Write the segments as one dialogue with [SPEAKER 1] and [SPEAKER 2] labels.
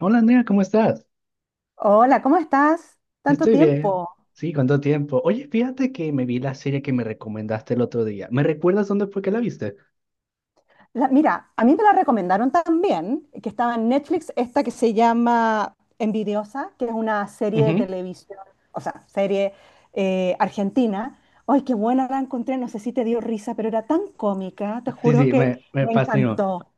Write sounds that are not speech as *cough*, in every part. [SPEAKER 1] Hola Andrea, ¿cómo estás?
[SPEAKER 2] Hola, ¿cómo estás? Tanto
[SPEAKER 1] Estoy bien.
[SPEAKER 2] tiempo.
[SPEAKER 1] Sí, ¿cuánto tiempo? Oye, fíjate que me vi la serie que me recomendaste el otro día. ¿Me recuerdas dónde fue que la viste?
[SPEAKER 2] Mira, a mí me la recomendaron también, que estaba en Netflix, esta que se llama Envidiosa, que es una serie de
[SPEAKER 1] Ujú.
[SPEAKER 2] televisión, o sea, serie argentina. Ay, qué buena la encontré, no sé si te dio risa, pero era tan cómica, te
[SPEAKER 1] Sí,
[SPEAKER 2] juro
[SPEAKER 1] sí,
[SPEAKER 2] que
[SPEAKER 1] me
[SPEAKER 2] me
[SPEAKER 1] fascinó.
[SPEAKER 2] encantó.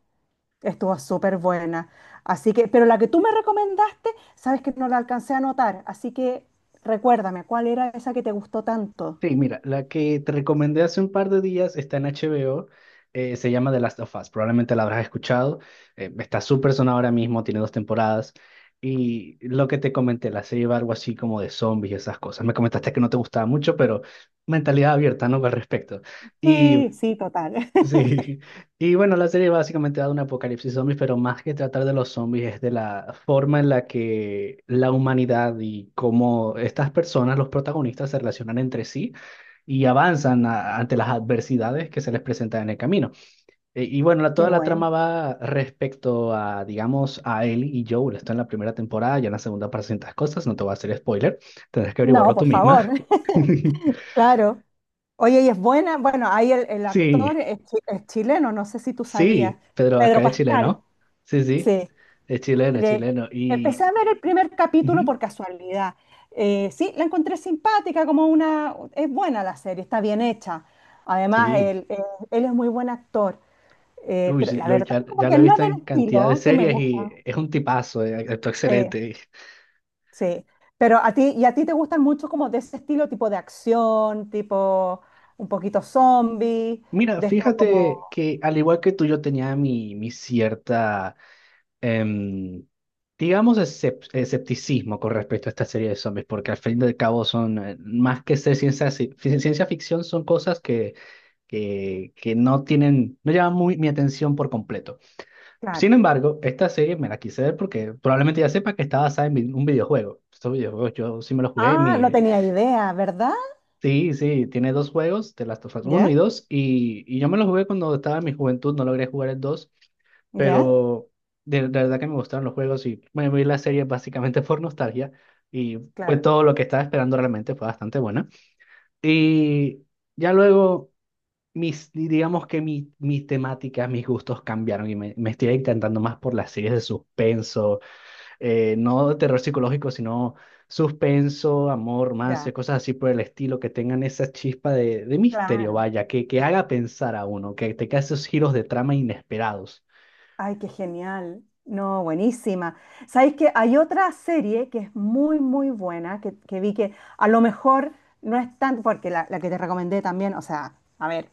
[SPEAKER 2] Estuvo súper buena. Así que, pero la que tú me recomendaste, sabes que no la alcancé a anotar, así que recuérdame, ¿cuál era esa que te gustó tanto?
[SPEAKER 1] Sí, mira, la que te recomendé hace un par de días está en HBO. Se llama The Last of Us, probablemente la habrás escuchado. Está súper sonada ahora mismo, tiene dos temporadas, y lo que te comenté, la serie va algo así como de zombies y esas cosas. Me comentaste que no te gustaba mucho, pero mentalidad abierta, ¿no? Al respecto. y
[SPEAKER 2] Sí, sí, total. *laughs*
[SPEAKER 1] Sí, y bueno, la serie básicamente da un apocalipsis zombies, pero más que tratar de los zombies es de la forma en la que la humanidad y cómo estas personas, los protagonistas, se relacionan entre sí y avanzan ante las adversidades que se les presentan en el camino. Y bueno,
[SPEAKER 2] Qué
[SPEAKER 1] toda la trama
[SPEAKER 2] buena.
[SPEAKER 1] va respecto a, digamos, a Ellie y Joel. Está en la primera temporada, ya en la segunda para ciertas cosas, no te voy a hacer spoiler, tendrás que
[SPEAKER 2] No,
[SPEAKER 1] averiguarlo tú
[SPEAKER 2] por favor,
[SPEAKER 1] misma.
[SPEAKER 2] *laughs*
[SPEAKER 1] *laughs*
[SPEAKER 2] claro. Oye, y es buena, bueno, ahí el actor
[SPEAKER 1] Sí,
[SPEAKER 2] es, es chileno, no sé si tú sabías,
[SPEAKER 1] sí, Pedro Acá
[SPEAKER 2] Pedro
[SPEAKER 1] de Chile,
[SPEAKER 2] Pascal,
[SPEAKER 1] ¿no? Sí, sí.
[SPEAKER 2] sí.
[SPEAKER 1] Es chileno, es
[SPEAKER 2] Le-
[SPEAKER 1] chileno.
[SPEAKER 2] Empecé a ver el primer capítulo por
[SPEAKER 1] Ujú.
[SPEAKER 2] casualidad. Sí, la encontré simpática, como una. Es buena la serie, está bien hecha. Además,
[SPEAKER 1] Sí,
[SPEAKER 2] él es muy buen actor.
[SPEAKER 1] uy,
[SPEAKER 2] Pero
[SPEAKER 1] sí,
[SPEAKER 2] la verdad
[SPEAKER 1] ya,
[SPEAKER 2] como
[SPEAKER 1] ya lo
[SPEAKER 2] que
[SPEAKER 1] he
[SPEAKER 2] no es
[SPEAKER 1] visto en
[SPEAKER 2] del
[SPEAKER 1] cantidad de
[SPEAKER 2] estilo que me
[SPEAKER 1] series y
[SPEAKER 2] gusta.
[SPEAKER 1] es un tipazo. Actúa
[SPEAKER 2] Sí.
[SPEAKER 1] excelente.
[SPEAKER 2] Sí, pero a ti, y a ti te gustan mucho como de ese estilo, tipo de acción, tipo un poquito zombie,
[SPEAKER 1] Mira,
[SPEAKER 2] de esto como,
[SPEAKER 1] fíjate que al igual que tú, yo tenía mi cierta, em, digamos, escepticismo con respecto a esta serie de zombies, porque al fin y al cabo son, más que ser ciencia ficción, son cosas que no tienen, no llaman muy mi atención por completo.
[SPEAKER 2] claro.
[SPEAKER 1] Sin embargo, esta serie me la quise ver porque probablemente ya sepa que está basada en un videojuego. Estos videojuegos yo sí me los jugué en
[SPEAKER 2] Ah, no. Sí,
[SPEAKER 1] mi...
[SPEAKER 2] tenía idea, ¿verdad?
[SPEAKER 1] Sí, sí, tiene dos juegos, The Last of Us uno
[SPEAKER 2] ¿Ya?
[SPEAKER 1] y dos y yo me los jugué cuando estaba en mi juventud, no logré jugar el dos,
[SPEAKER 2] ¿Ya?
[SPEAKER 1] pero de verdad que me gustaron los juegos y me vi la serie básicamente *laughs* por nostalgia y fue
[SPEAKER 2] Claro,
[SPEAKER 1] todo lo que estaba esperando realmente, fue bastante buena. Y ya luego, digamos que mis temáticas, mis gustos cambiaron y me estoy encantando más por las series de suspenso. No de terror psicológico, sino suspenso, amor, romance,
[SPEAKER 2] ya,
[SPEAKER 1] cosas así por el estilo, que tengan esa chispa de misterio,
[SPEAKER 2] claro.
[SPEAKER 1] vaya, que haga pensar a uno, que tenga esos giros de trama inesperados.
[SPEAKER 2] Ay, qué genial. No, buenísima. Sabéis que hay otra serie que es muy, muy buena, que vi que a lo mejor no es tan, porque la que te recomendé también, o sea, a ver,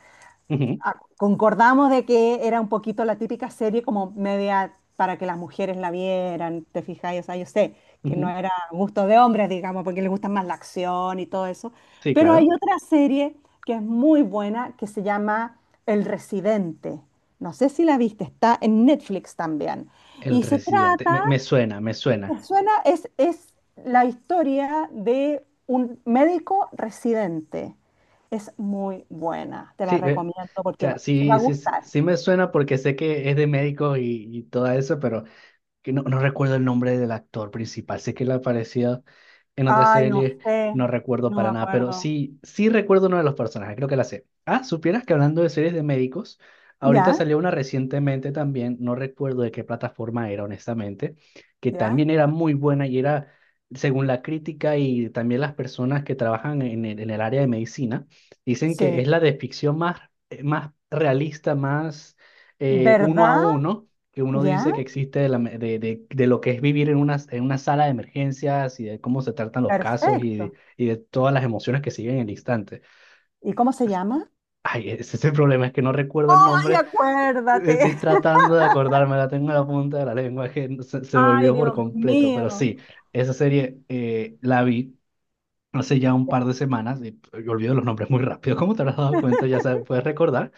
[SPEAKER 1] Ujú,
[SPEAKER 2] ah, concordamos de que era un poquito la típica serie como media para que las mujeres la vieran, te fijáis, o sea, yo sé que no
[SPEAKER 1] ujú.
[SPEAKER 2] era gusto de hombres, digamos, porque les gusta más la acción y todo eso,
[SPEAKER 1] Sí,
[SPEAKER 2] pero hay
[SPEAKER 1] claro.
[SPEAKER 2] otra serie que es muy buena que se llama El Residente. No sé si la viste, está en Netflix también.
[SPEAKER 1] El
[SPEAKER 2] Y se
[SPEAKER 1] residente. Me,
[SPEAKER 2] trata,
[SPEAKER 1] me suena, me suena.
[SPEAKER 2] me suena, es la historia de un médico residente. Es muy buena, te la
[SPEAKER 1] Sí, o
[SPEAKER 2] recomiendo porque
[SPEAKER 1] sea,
[SPEAKER 2] te va a
[SPEAKER 1] sí, sí, sí
[SPEAKER 2] gustar.
[SPEAKER 1] sí me suena porque sé que es de médicos y todo eso, pero que no, no recuerdo el nombre del actor principal, sé que él aparecía en otra
[SPEAKER 2] Ay, no
[SPEAKER 1] serie,
[SPEAKER 2] sé,
[SPEAKER 1] no recuerdo
[SPEAKER 2] no me
[SPEAKER 1] para nada, pero
[SPEAKER 2] acuerdo.
[SPEAKER 1] sí, sí recuerdo uno de los personajes, creo que la sé. Ah, supieras que hablando de series de médicos, ahorita
[SPEAKER 2] ¿Ya?
[SPEAKER 1] salió una recientemente también, no recuerdo de qué plataforma era, honestamente, que
[SPEAKER 2] ¿Ya?
[SPEAKER 1] también era muy buena y era, según la crítica y también las personas que trabajan en el área de medicina, dicen que
[SPEAKER 2] Sí.
[SPEAKER 1] es la de ficción más, más realista, más uno a
[SPEAKER 2] ¿Verdad?
[SPEAKER 1] uno que uno
[SPEAKER 2] ¿Ya?
[SPEAKER 1] dice que
[SPEAKER 2] Sí.
[SPEAKER 1] existe de, la me- de lo que es vivir en una sala de emergencias y de cómo se tratan los casos
[SPEAKER 2] Perfecto.
[SPEAKER 1] y de todas las emociones que siguen en el instante.
[SPEAKER 2] ¿Y cómo se llama?
[SPEAKER 1] Ay, ese es el problema, es que no recuerdo el
[SPEAKER 2] Ay,
[SPEAKER 1] nombre, estoy
[SPEAKER 2] acuérdate. *laughs*
[SPEAKER 1] tratando de acordarme, la tengo en la punta de la lengua, que se me
[SPEAKER 2] Ay,
[SPEAKER 1] olvidó por
[SPEAKER 2] Dios
[SPEAKER 1] completo, pero
[SPEAKER 2] mío.
[SPEAKER 1] sí, esa serie la vi hace ya un
[SPEAKER 2] Ya.
[SPEAKER 1] par de semanas y pues, yo olvido los nombres muy rápido, como te habrás dado cuenta, ya sabes, puedes recordar.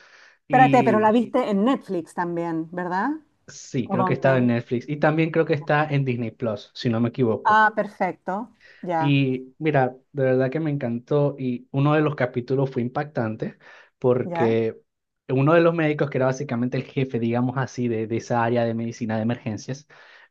[SPEAKER 2] Espérate, pero la
[SPEAKER 1] Y
[SPEAKER 2] viste en Netflix también, ¿verdad?
[SPEAKER 1] sí,
[SPEAKER 2] ¿O
[SPEAKER 1] creo que estaba en
[SPEAKER 2] dónde?
[SPEAKER 1] Netflix y también creo que está en Disney Plus, si no me equivoco.
[SPEAKER 2] Ah, perfecto. Ya,
[SPEAKER 1] Y mira, de verdad que me encantó y uno de los capítulos fue impactante,
[SPEAKER 2] ya.
[SPEAKER 1] porque uno de los médicos, que era básicamente el jefe, digamos así, de esa área de medicina de emergencias,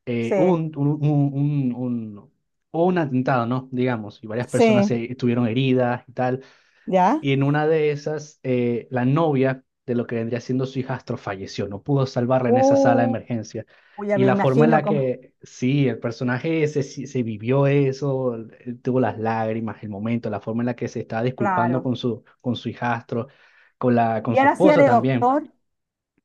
[SPEAKER 1] hubo
[SPEAKER 2] Sí.
[SPEAKER 1] hubo un atentado, ¿no? Digamos, y varias personas
[SPEAKER 2] Sí,
[SPEAKER 1] estuvieron heridas y tal.
[SPEAKER 2] ¿ya?
[SPEAKER 1] Y en una de esas, la novia de lo que vendría siendo su hijastro falleció, no pudo salvarla en esa sala de
[SPEAKER 2] Uh,
[SPEAKER 1] emergencia.
[SPEAKER 2] ya
[SPEAKER 1] Y
[SPEAKER 2] me
[SPEAKER 1] la forma en
[SPEAKER 2] imagino
[SPEAKER 1] la
[SPEAKER 2] cómo,
[SPEAKER 1] que, sí, el personaje ese sí se vivió eso, él tuvo las lágrimas, el momento, la forma en la que se estaba disculpando
[SPEAKER 2] claro.
[SPEAKER 1] con su hijastro, con
[SPEAKER 2] Y
[SPEAKER 1] su
[SPEAKER 2] él hacía
[SPEAKER 1] esposa
[SPEAKER 2] de
[SPEAKER 1] también.
[SPEAKER 2] doctor.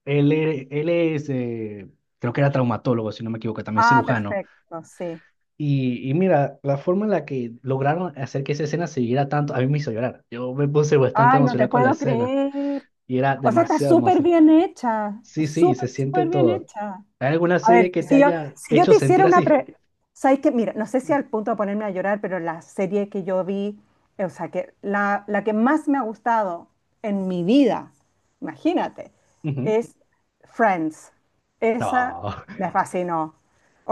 [SPEAKER 1] Él es, creo que era traumatólogo, si no me equivoco, también
[SPEAKER 2] Ah,
[SPEAKER 1] cirujano.
[SPEAKER 2] perfecto, sí.
[SPEAKER 1] Y mira, la forma en la que lograron hacer que esa escena se siguiera tanto, a mí me hizo llorar. Yo me puse bastante
[SPEAKER 2] Ay, no
[SPEAKER 1] emocional
[SPEAKER 2] te
[SPEAKER 1] con la
[SPEAKER 2] puedo
[SPEAKER 1] escena
[SPEAKER 2] creer.
[SPEAKER 1] y era
[SPEAKER 2] O sea, está
[SPEAKER 1] demasiado
[SPEAKER 2] súper
[SPEAKER 1] hermosa.
[SPEAKER 2] bien hecha,
[SPEAKER 1] Sí, sí, se
[SPEAKER 2] súper,
[SPEAKER 1] siente
[SPEAKER 2] súper bien
[SPEAKER 1] todo.
[SPEAKER 2] hecha.
[SPEAKER 1] ¿Hay alguna
[SPEAKER 2] A
[SPEAKER 1] serie
[SPEAKER 2] ver,
[SPEAKER 1] que te
[SPEAKER 2] si yo,
[SPEAKER 1] haya
[SPEAKER 2] si yo
[SPEAKER 1] hecho
[SPEAKER 2] te hiciera
[SPEAKER 1] sentir
[SPEAKER 2] una
[SPEAKER 1] así?
[SPEAKER 2] pre... ¿Sabes qué? Mira, no sé si al punto de ponerme a llorar, pero la serie que yo vi, o sea, que la que más me ha gustado en mi vida, imagínate,
[SPEAKER 1] Ujú.
[SPEAKER 2] es Friends. Esa
[SPEAKER 1] No,
[SPEAKER 2] me fascinó.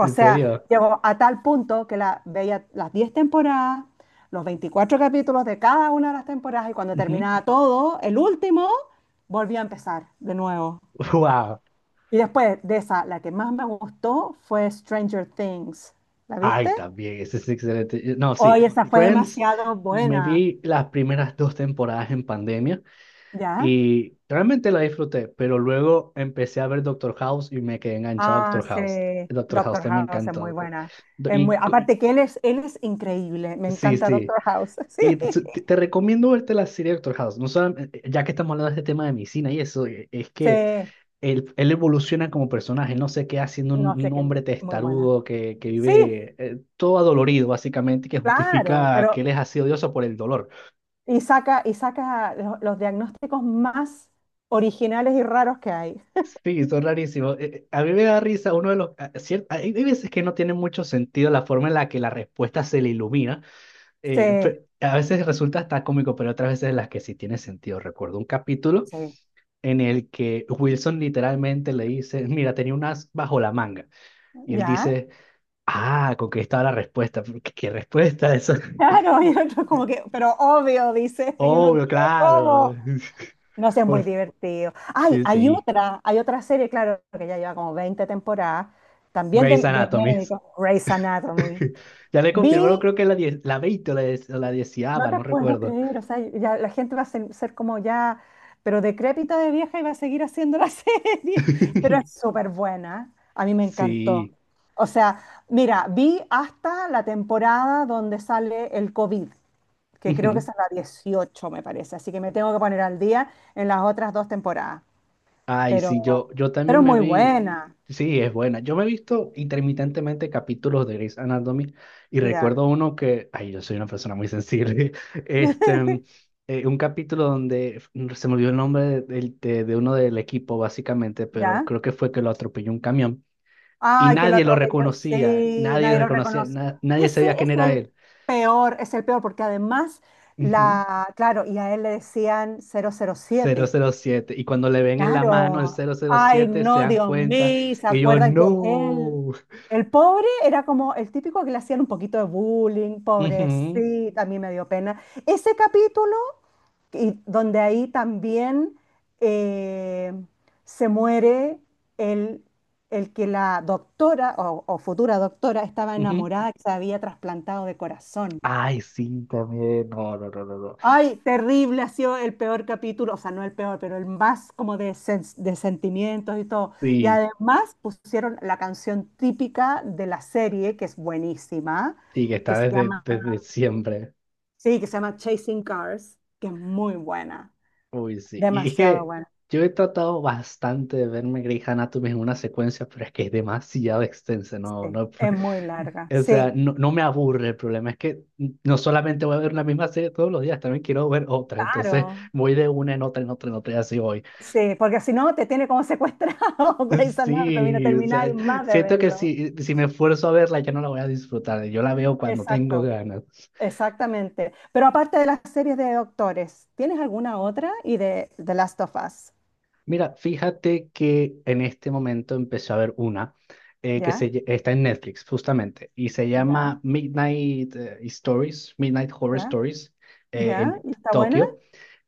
[SPEAKER 1] *laughs* en
[SPEAKER 2] sea,
[SPEAKER 1] serio.
[SPEAKER 2] llegó a tal punto que la veía las 10 temporadas, los 24 capítulos de cada una de las temporadas, y cuando
[SPEAKER 1] Ujú.
[SPEAKER 2] terminaba todo, el último, volvía a empezar de nuevo.
[SPEAKER 1] Wow.
[SPEAKER 2] Y después de esa, la que más me gustó fue Stranger Things. ¿La
[SPEAKER 1] Ay,
[SPEAKER 2] viste?
[SPEAKER 1] también, ese es excelente. No, sí.
[SPEAKER 2] Hoy esa fue
[SPEAKER 1] Friends,
[SPEAKER 2] demasiado
[SPEAKER 1] me
[SPEAKER 2] buena,
[SPEAKER 1] vi las primeras dos temporadas en pandemia
[SPEAKER 2] ¿ya?
[SPEAKER 1] y realmente la disfruté, pero luego empecé a ver Doctor House y me quedé enganchado a
[SPEAKER 2] Ah,
[SPEAKER 1] Doctor
[SPEAKER 2] sí,
[SPEAKER 1] House. Doctor House
[SPEAKER 2] Doctor
[SPEAKER 1] también me
[SPEAKER 2] House es muy
[SPEAKER 1] encantó.
[SPEAKER 2] buena.
[SPEAKER 1] Do-
[SPEAKER 2] Es muy,
[SPEAKER 1] Y cu-
[SPEAKER 2] aparte que él es increíble. Me
[SPEAKER 1] sí,
[SPEAKER 2] encanta
[SPEAKER 1] sí.
[SPEAKER 2] Doctor House. *laughs* Sí,
[SPEAKER 1] Y te recomiendo verte la serie Doctor House. No solam- Ya que estamos hablando de este tema de medicina y eso, es que
[SPEAKER 2] sí,
[SPEAKER 1] él evoluciona como personaje, él no se queda siendo
[SPEAKER 2] no
[SPEAKER 1] un,
[SPEAKER 2] sé
[SPEAKER 1] un
[SPEAKER 2] qué,
[SPEAKER 1] hombre
[SPEAKER 2] muy buena.
[SPEAKER 1] testarudo que,
[SPEAKER 2] Sí,
[SPEAKER 1] vive todo adolorido, básicamente, que
[SPEAKER 2] claro,
[SPEAKER 1] justifica que
[SPEAKER 2] pero
[SPEAKER 1] él es así odioso por el dolor.
[SPEAKER 2] y saca los diagnósticos más originales y raros que hay.
[SPEAKER 1] Sí, son rarísimos. A mí me da risa, uno de los... hay veces que no tiene mucho sentido la forma en la que la respuesta se le ilumina.
[SPEAKER 2] Sí,
[SPEAKER 1] A veces resulta hasta cómico, pero otras veces en las que sí tiene sentido. Recuerdo un capítulo
[SPEAKER 2] sí,
[SPEAKER 1] en el que Wilson literalmente le dice, mira, tenía un as bajo la manga. Y él
[SPEAKER 2] ¿ya?
[SPEAKER 1] dice, ah, con que estaba la respuesta. ¿Qué, qué respuesta eso? *laughs*
[SPEAKER 2] Claro, y otro como que, pero obvio, dice, y uno,
[SPEAKER 1] Obvio,
[SPEAKER 2] ¿qué?
[SPEAKER 1] claro.
[SPEAKER 2] ¿Cómo? No sé,
[SPEAKER 1] *laughs*
[SPEAKER 2] es muy
[SPEAKER 1] Por-
[SPEAKER 2] divertido. Ay,
[SPEAKER 1] Sí,
[SPEAKER 2] hay
[SPEAKER 1] sí.
[SPEAKER 2] otra, hay otra serie, claro, que ya lleva como 20 temporadas, también de,
[SPEAKER 1] Grey's
[SPEAKER 2] de
[SPEAKER 1] Anatomy.
[SPEAKER 2] médicos, Grey's Anatomy.
[SPEAKER 1] *laughs* Ya le confirmaron,
[SPEAKER 2] Vi,
[SPEAKER 1] creo que la 20 o o la 10,
[SPEAKER 2] no te
[SPEAKER 1] no
[SPEAKER 2] puedo
[SPEAKER 1] recuerdo.
[SPEAKER 2] creer, o sea, ya la gente va a ser como ya, pero decrépita de vieja y va a seguir haciendo la *laughs* serie, pero es
[SPEAKER 1] *laughs*
[SPEAKER 2] súper buena, a mí me encantó.
[SPEAKER 1] Sí.
[SPEAKER 2] O sea, mira, vi hasta la temporada donde sale el COVID, que creo que
[SPEAKER 1] Ujú.
[SPEAKER 2] es a la 18, me parece. Así que me tengo que poner al día en las otras dos temporadas.
[SPEAKER 1] Ay, sí,
[SPEAKER 2] Pero,
[SPEAKER 1] yo
[SPEAKER 2] pero
[SPEAKER 1] también me
[SPEAKER 2] muy
[SPEAKER 1] vi,
[SPEAKER 2] buena.
[SPEAKER 1] sí, es buena. Yo me he visto intermitentemente capítulos de Grey's Anatomy y
[SPEAKER 2] Ya,
[SPEAKER 1] recuerdo uno que, ay, yo soy una persona muy sensible. *laughs* Este,
[SPEAKER 2] *laughs*
[SPEAKER 1] un capítulo donde se me olvidó el nombre de uno del equipo, básicamente, pero
[SPEAKER 2] ya.
[SPEAKER 1] creo que fue que lo atropelló un camión y
[SPEAKER 2] Ay, que lo
[SPEAKER 1] nadie lo
[SPEAKER 2] atropelló.
[SPEAKER 1] reconocía,
[SPEAKER 2] Sí,
[SPEAKER 1] nadie lo
[SPEAKER 2] nadie lo
[SPEAKER 1] reconocía,
[SPEAKER 2] reconoce.
[SPEAKER 1] nadie
[SPEAKER 2] Ese
[SPEAKER 1] sabía quién era él.
[SPEAKER 2] es el peor, porque además,
[SPEAKER 1] Ujú,
[SPEAKER 2] claro, y a él le decían cero cero
[SPEAKER 1] cero
[SPEAKER 2] siete
[SPEAKER 1] cero siete Y cuando le ven en la mano el
[SPEAKER 2] Claro.
[SPEAKER 1] cero cero
[SPEAKER 2] Ay,
[SPEAKER 1] siete se
[SPEAKER 2] no,
[SPEAKER 1] dan
[SPEAKER 2] Dios
[SPEAKER 1] cuenta,
[SPEAKER 2] mío, ¿se
[SPEAKER 1] y yo,
[SPEAKER 2] acuerdan que es él?
[SPEAKER 1] no.
[SPEAKER 2] El pobre era como el típico que le hacían un poquito de bullying,
[SPEAKER 1] Ujú,
[SPEAKER 2] pobrecito, a mí me dio pena. Ese capítulo, y donde ahí también eh, se muere el, el que la doctora o futura doctora estaba
[SPEAKER 1] ujú.
[SPEAKER 2] enamorada, que se había trasplantado de corazón.
[SPEAKER 1] Ay, sí, también. No, no, no, no, no.
[SPEAKER 2] Ay, terrible, ha sido el peor capítulo, o sea, no el peor, pero el más como de sentimientos y todo. Y
[SPEAKER 1] Sí,
[SPEAKER 2] además pusieron la canción típica de la serie, que es buenísima,
[SPEAKER 1] sí, que
[SPEAKER 2] que
[SPEAKER 1] está
[SPEAKER 2] se
[SPEAKER 1] desde,
[SPEAKER 2] llama,
[SPEAKER 1] desde siempre.
[SPEAKER 2] sí, que se llama Chasing Cars, que es muy buena,
[SPEAKER 1] Uy, sí. Y es
[SPEAKER 2] demasiado
[SPEAKER 1] que
[SPEAKER 2] buena,
[SPEAKER 1] yo he tratado bastante de verme Grey's Anatomy en una secuencia, pero es que es demasiado extensa. No,
[SPEAKER 2] sí,
[SPEAKER 1] no.
[SPEAKER 2] es muy
[SPEAKER 1] *laughs*
[SPEAKER 2] larga,
[SPEAKER 1] O sea,
[SPEAKER 2] sí,
[SPEAKER 1] no, no me aburre. El problema es que no solamente voy a ver la misma serie todos los días, también quiero ver otra. Entonces
[SPEAKER 2] claro,
[SPEAKER 1] voy de una en otra, en otra, en otra, y así voy. *laughs*
[SPEAKER 2] sí, porque si no te tiene como secuestrado *laughs* Grey's Anatomy, no
[SPEAKER 1] Sí, o sea,
[SPEAKER 2] termináis más de
[SPEAKER 1] siento que
[SPEAKER 2] verlo.
[SPEAKER 1] si me esfuerzo a verla, ya no la voy a disfrutar. Yo la veo cuando tengo
[SPEAKER 2] Exacto.
[SPEAKER 1] ganas.
[SPEAKER 2] Exactamente. Pero aparte de las series de doctores, ¿tienes alguna otra? Y de The Last of Us.
[SPEAKER 1] Mira, fíjate que en este momento empecé a ver una, que
[SPEAKER 2] ¿Ya?
[SPEAKER 1] está en Netflix justamente y se
[SPEAKER 2] ¿Ya?
[SPEAKER 1] llama Midnight Stories, Midnight Horror
[SPEAKER 2] ¿Ya?
[SPEAKER 1] Stories,
[SPEAKER 2] ¿Ya?
[SPEAKER 1] en
[SPEAKER 2] ¿Y está buena?
[SPEAKER 1] Tokio,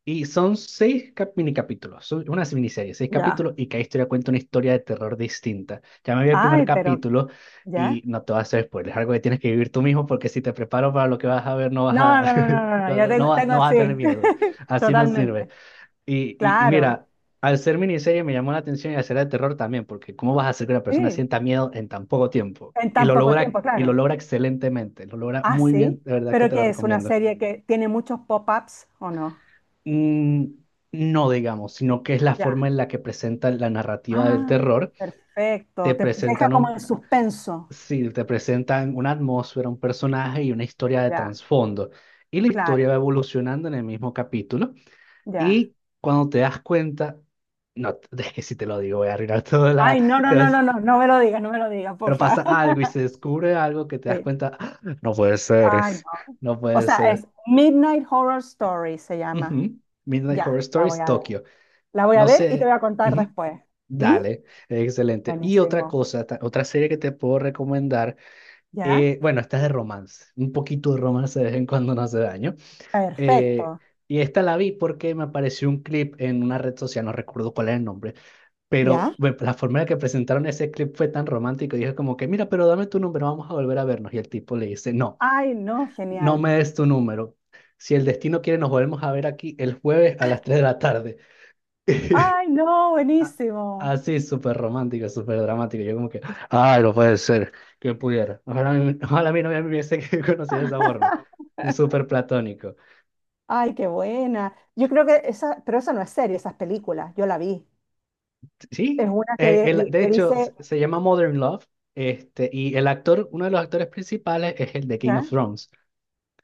[SPEAKER 1] y son mini capítulos, son una miniserie, seis
[SPEAKER 2] Ya.
[SPEAKER 1] capítulos, y cada historia cuenta una historia de terror distinta. Ya me vi el primer
[SPEAKER 2] Ay, pero
[SPEAKER 1] capítulo y
[SPEAKER 2] ¿ya?
[SPEAKER 1] no te vas a hacer spoilers, es algo que tienes que vivir tú mismo, porque si te preparo para lo que vas a ver no vas
[SPEAKER 2] No,
[SPEAKER 1] a,
[SPEAKER 2] no, no, no,
[SPEAKER 1] *laughs*
[SPEAKER 2] no, no,
[SPEAKER 1] no,
[SPEAKER 2] ya
[SPEAKER 1] no
[SPEAKER 2] tengo,
[SPEAKER 1] no vas a
[SPEAKER 2] sí.
[SPEAKER 1] tener miedo,
[SPEAKER 2] *laughs*
[SPEAKER 1] así no sirve.
[SPEAKER 2] Totalmente.
[SPEAKER 1] Y
[SPEAKER 2] Claro.
[SPEAKER 1] mira, al ser miniserie me llamó la atención y al ser de terror también, porque ¿cómo vas a hacer que una persona
[SPEAKER 2] Sí.
[SPEAKER 1] sienta miedo en tan poco tiempo?
[SPEAKER 2] En tan poco tiempo,
[SPEAKER 1] Y lo
[SPEAKER 2] claro.
[SPEAKER 1] logra excelentemente, lo logra
[SPEAKER 2] Ah,
[SPEAKER 1] muy bien,
[SPEAKER 2] sí.
[SPEAKER 1] de verdad que
[SPEAKER 2] Pero
[SPEAKER 1] te la
[SPEAKER 2] que es una
[SPEAKER 1] recomiendo.
[SPEAKER 2] serie que tiene muchos pop-ups o no.
[SPEAKER 1] Mm, no, digamos, sino que es la
[SPEAKER 2] Ya.
[SPEAKER 1] forma en la que presentan la narrativa del
[SPEAKER 2] Ah,
[SPEAKER 1] terror.
[SPEAKER 2] perfecto.
[SPEAKER 1] Te
[SPEAKER 2] Te deja
[SPEAKER 1] presentan
[SPEAKER 2] como
[SPEAKER 1] un,
[SPEAKER 2] en suspenso.
[SPEAKER 1] sí, te presentan una atmósfera, un personaje y una historia de
[SPEAKER 2] Ya.
[SPEAKER 1] trasfondo. Y la historia
[SPEAKER 2] Claro.
[SPEAKER 1] va evolucionando en el mismo capítulo.
[SPEAKER 2] Ya.
[SPEAKER 1] Y cuando te das cuenta, no, *laughs* es que si te lo digo, voy a arruinar toda la...
[SPEAKER 2] Ay, no, no,
[SPEAKER 1] te
[SPEAKER 2] no, no,
[SPEAKER 1] vas-
[SPEAKER 2] no, no me lo digas, no me lo digas, por
[SPEAKER 1] pero pasa
[SPEAKER 2] favor.
[SPEAKER 1] algo
[SPEAKER 2] *laughs*
[SPEAKER 1] y se descubre algo que te das
[SPEAKER 2] Sí.
[SPEAKER 1] cuenta, "Ah, no puede ser,
[SPEAKER 2] Ay, no.
[SPEAKER 1] no
[SPEAKER 2] O
[SPEAKER 1] puede
[SPEAKER 2] sea,
[SPEAKER 1] ser".
[SPEAKER 2] es Midnight Horror Story, se llama.
[SPEAKER 1] Ujú. Midnight
[SPEAKER 2] Ya,
[SPEAKER 1] Horror
[SPEAKER 2] la voy
[SPEAKER 1] Stories,
[SPEAKER 2] a ver.
[SPEAKER 1] Tokio.
[SPEAKER 2] La voy a
[SPEAKER 1] No
[SPEAKER 2] ver y te
[SPEAKER 1] sé,
[SPEAKER 2] voy a contar
[SPEAKER 1] ujú.
[SPEAKER 2] después. ¿Mm?
[SPEAKER 1] Dale, excelente. Y otra
[SPEAKER 2] Buenísimo.
[SPEAKER 1] cosa, otra serie que te puedo recomendar.
[SPEAKER 2] ¿Ya?
[SPEAKER 1] Bueno, esta es de romance, un poquito de romance de vez en cuando no hace daño. Eh,
[SPEAKER 2] Perfecto.
[SPEAKER 1] y esta la vi porque me apareció un clip en una red social, no recuerdo cuál es el nombre. Pero
[SPEAKER 2] ¿Ya?
[SPEAKER 1] la forma en la que presentaron ese clip fue tan romántico. Dije como que, mira, pero dame tu número, vamos a volver a vernos. Y el tipo le dice, no,
[SPEAKER 2] Ay, no,
[SPEAKER 1] no
[SPEAKER 2] genial.
[SPEAKER 1] me des tu número. Si el destino quiere, nos volvemos a ver aquí el jueves a las 3 de la tarde. *laughs*
[SPEAKER 2] Ay, no,
[SPEAKER 1] A-
[SPEAKER 2] buenísimo.
[SPEAKER 1] Así, súper romántico, súper dramático. Yo como que, ay, no puede ser, que pudiera. Ojalá, *laughs* ojalá mi novia me hubiese *laughs* conocido de esa forma.
[SPEAKER 2] *laughs*
[SPEAKER 1] Súper platónico.
[SPEAKER 2] Ay, qué buena. Yo creo que esa, pero esa no es serie, esas películas, yo la vi. Es
[SPEAKER 1] Sí,
[SPEAKER 2] una que,
[SPEAKER 1] de
[SPEAKER 2] que
[SPEAKER 1] hecho, se,
[SPEAKER 2] dice,
[SPEAKER 1] se llama Modern Love. Este, y el actor, uno de los actores principales es el de Game
[SPEAKER 2] ¿ya?
[SPEAKER 1] of Thrones.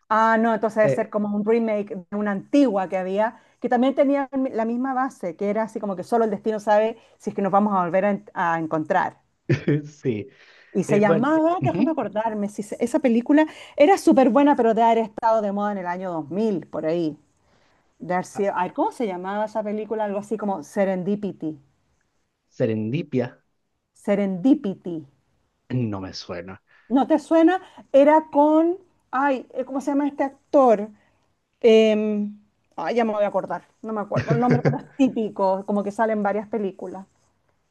[SPEAKER 2] Ah, no, entonces debe
[SPEAKER 1] Eh,
[SPEAKER 2] ser como un remake de una antigua que había, que también tenía la misma base, que era así como que solo el destino sabe si es que nos vamos a volver a encontrar.
[SPEAKER 1] *laughs* sí.
[SPEAKER 2] Y se
[SPEAKER 1] Bueno,
[SPEAKER 2] llamaba, déjame
[SPEAKER 1] ujú.
[SPEAKER 2] acordarme, si se- esa película era súper buena, pero de haber estado de moda en el año 2000 por ahí. Ay, ¿cómo se llamaba esa película? Algo así como Serendipity.
[SPEAKER 1] Serendipia
[SPEAKER 2] Serendipity.
[SPEAKER 1] no me suena.
[SPEAKER 2] ¿No te suena? Era con, ay, ¿cómo se llama este actor? Eh, Ay, ya me voy a acordar, no me acuerdo el nombre, pero
[SPEAKER 1] *laughs*
[SPEAKER 2] es típico, como que salen varias películas.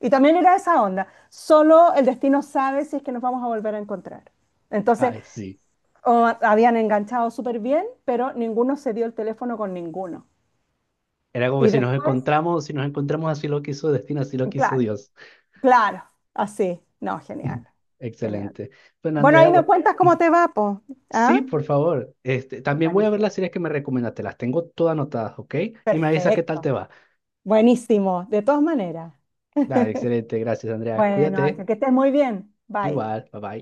[SPEAKER 2] Y también era esa onda, solo el destino sabe si es que nos vamos a volver a encontrar. Entonces,
[SPEAKER 1] Ay, sí.
[SPEAKER 2] habían enganchado súper bien, pero ninguno se dio el teléfono con ninguno.
[SPEAKER 1] Era como que
[SPEAKER 2] Y
[SPEAKER 1] si nos
[SPEAKER 2] después,
[SPEAKER 1] encontramos, si nos encontramos, así lo quiso el destino, así lo quiso
[SPEAKER 2] claro,
[SPEAKER 1] Dios.
[SPEAKER 2] claro, así. No, genial, genial.
[SPEAKER 1] Excelente. Bueno,
[SPEAKER 2] Bueno,
[SPEAKER 1] Andrea,
[SPEAKER 2] ahí me
[SPEAKER 1] bueno,
[SPEAKER 2] cuentas cómo te va, po. ¿Ah?
[SPEAKER 1] sí, por favor. Este, también voy a ver
[SPEAKER 2] Buenísimo.
[SPEAKER 1] las series que me recomendaste. Las tengo todas anotadas, ¿ok? Y me avisas qué tal te
[SPEAKER 2] Perfecto.
[SPEAKER 1] va.
[SPEAKER 2] Buenísimo, de todas maneras.
[SPEAKER 1] Dale, excelente. Gracias, Andrea.
[SPEAKER 2] Bueno,
[SPEAKER 1] Cuídate.
[SPEAKER 2] Ángel, que estés muy bien. Bye.
[SPEAKER 1] Igual. Bye bye.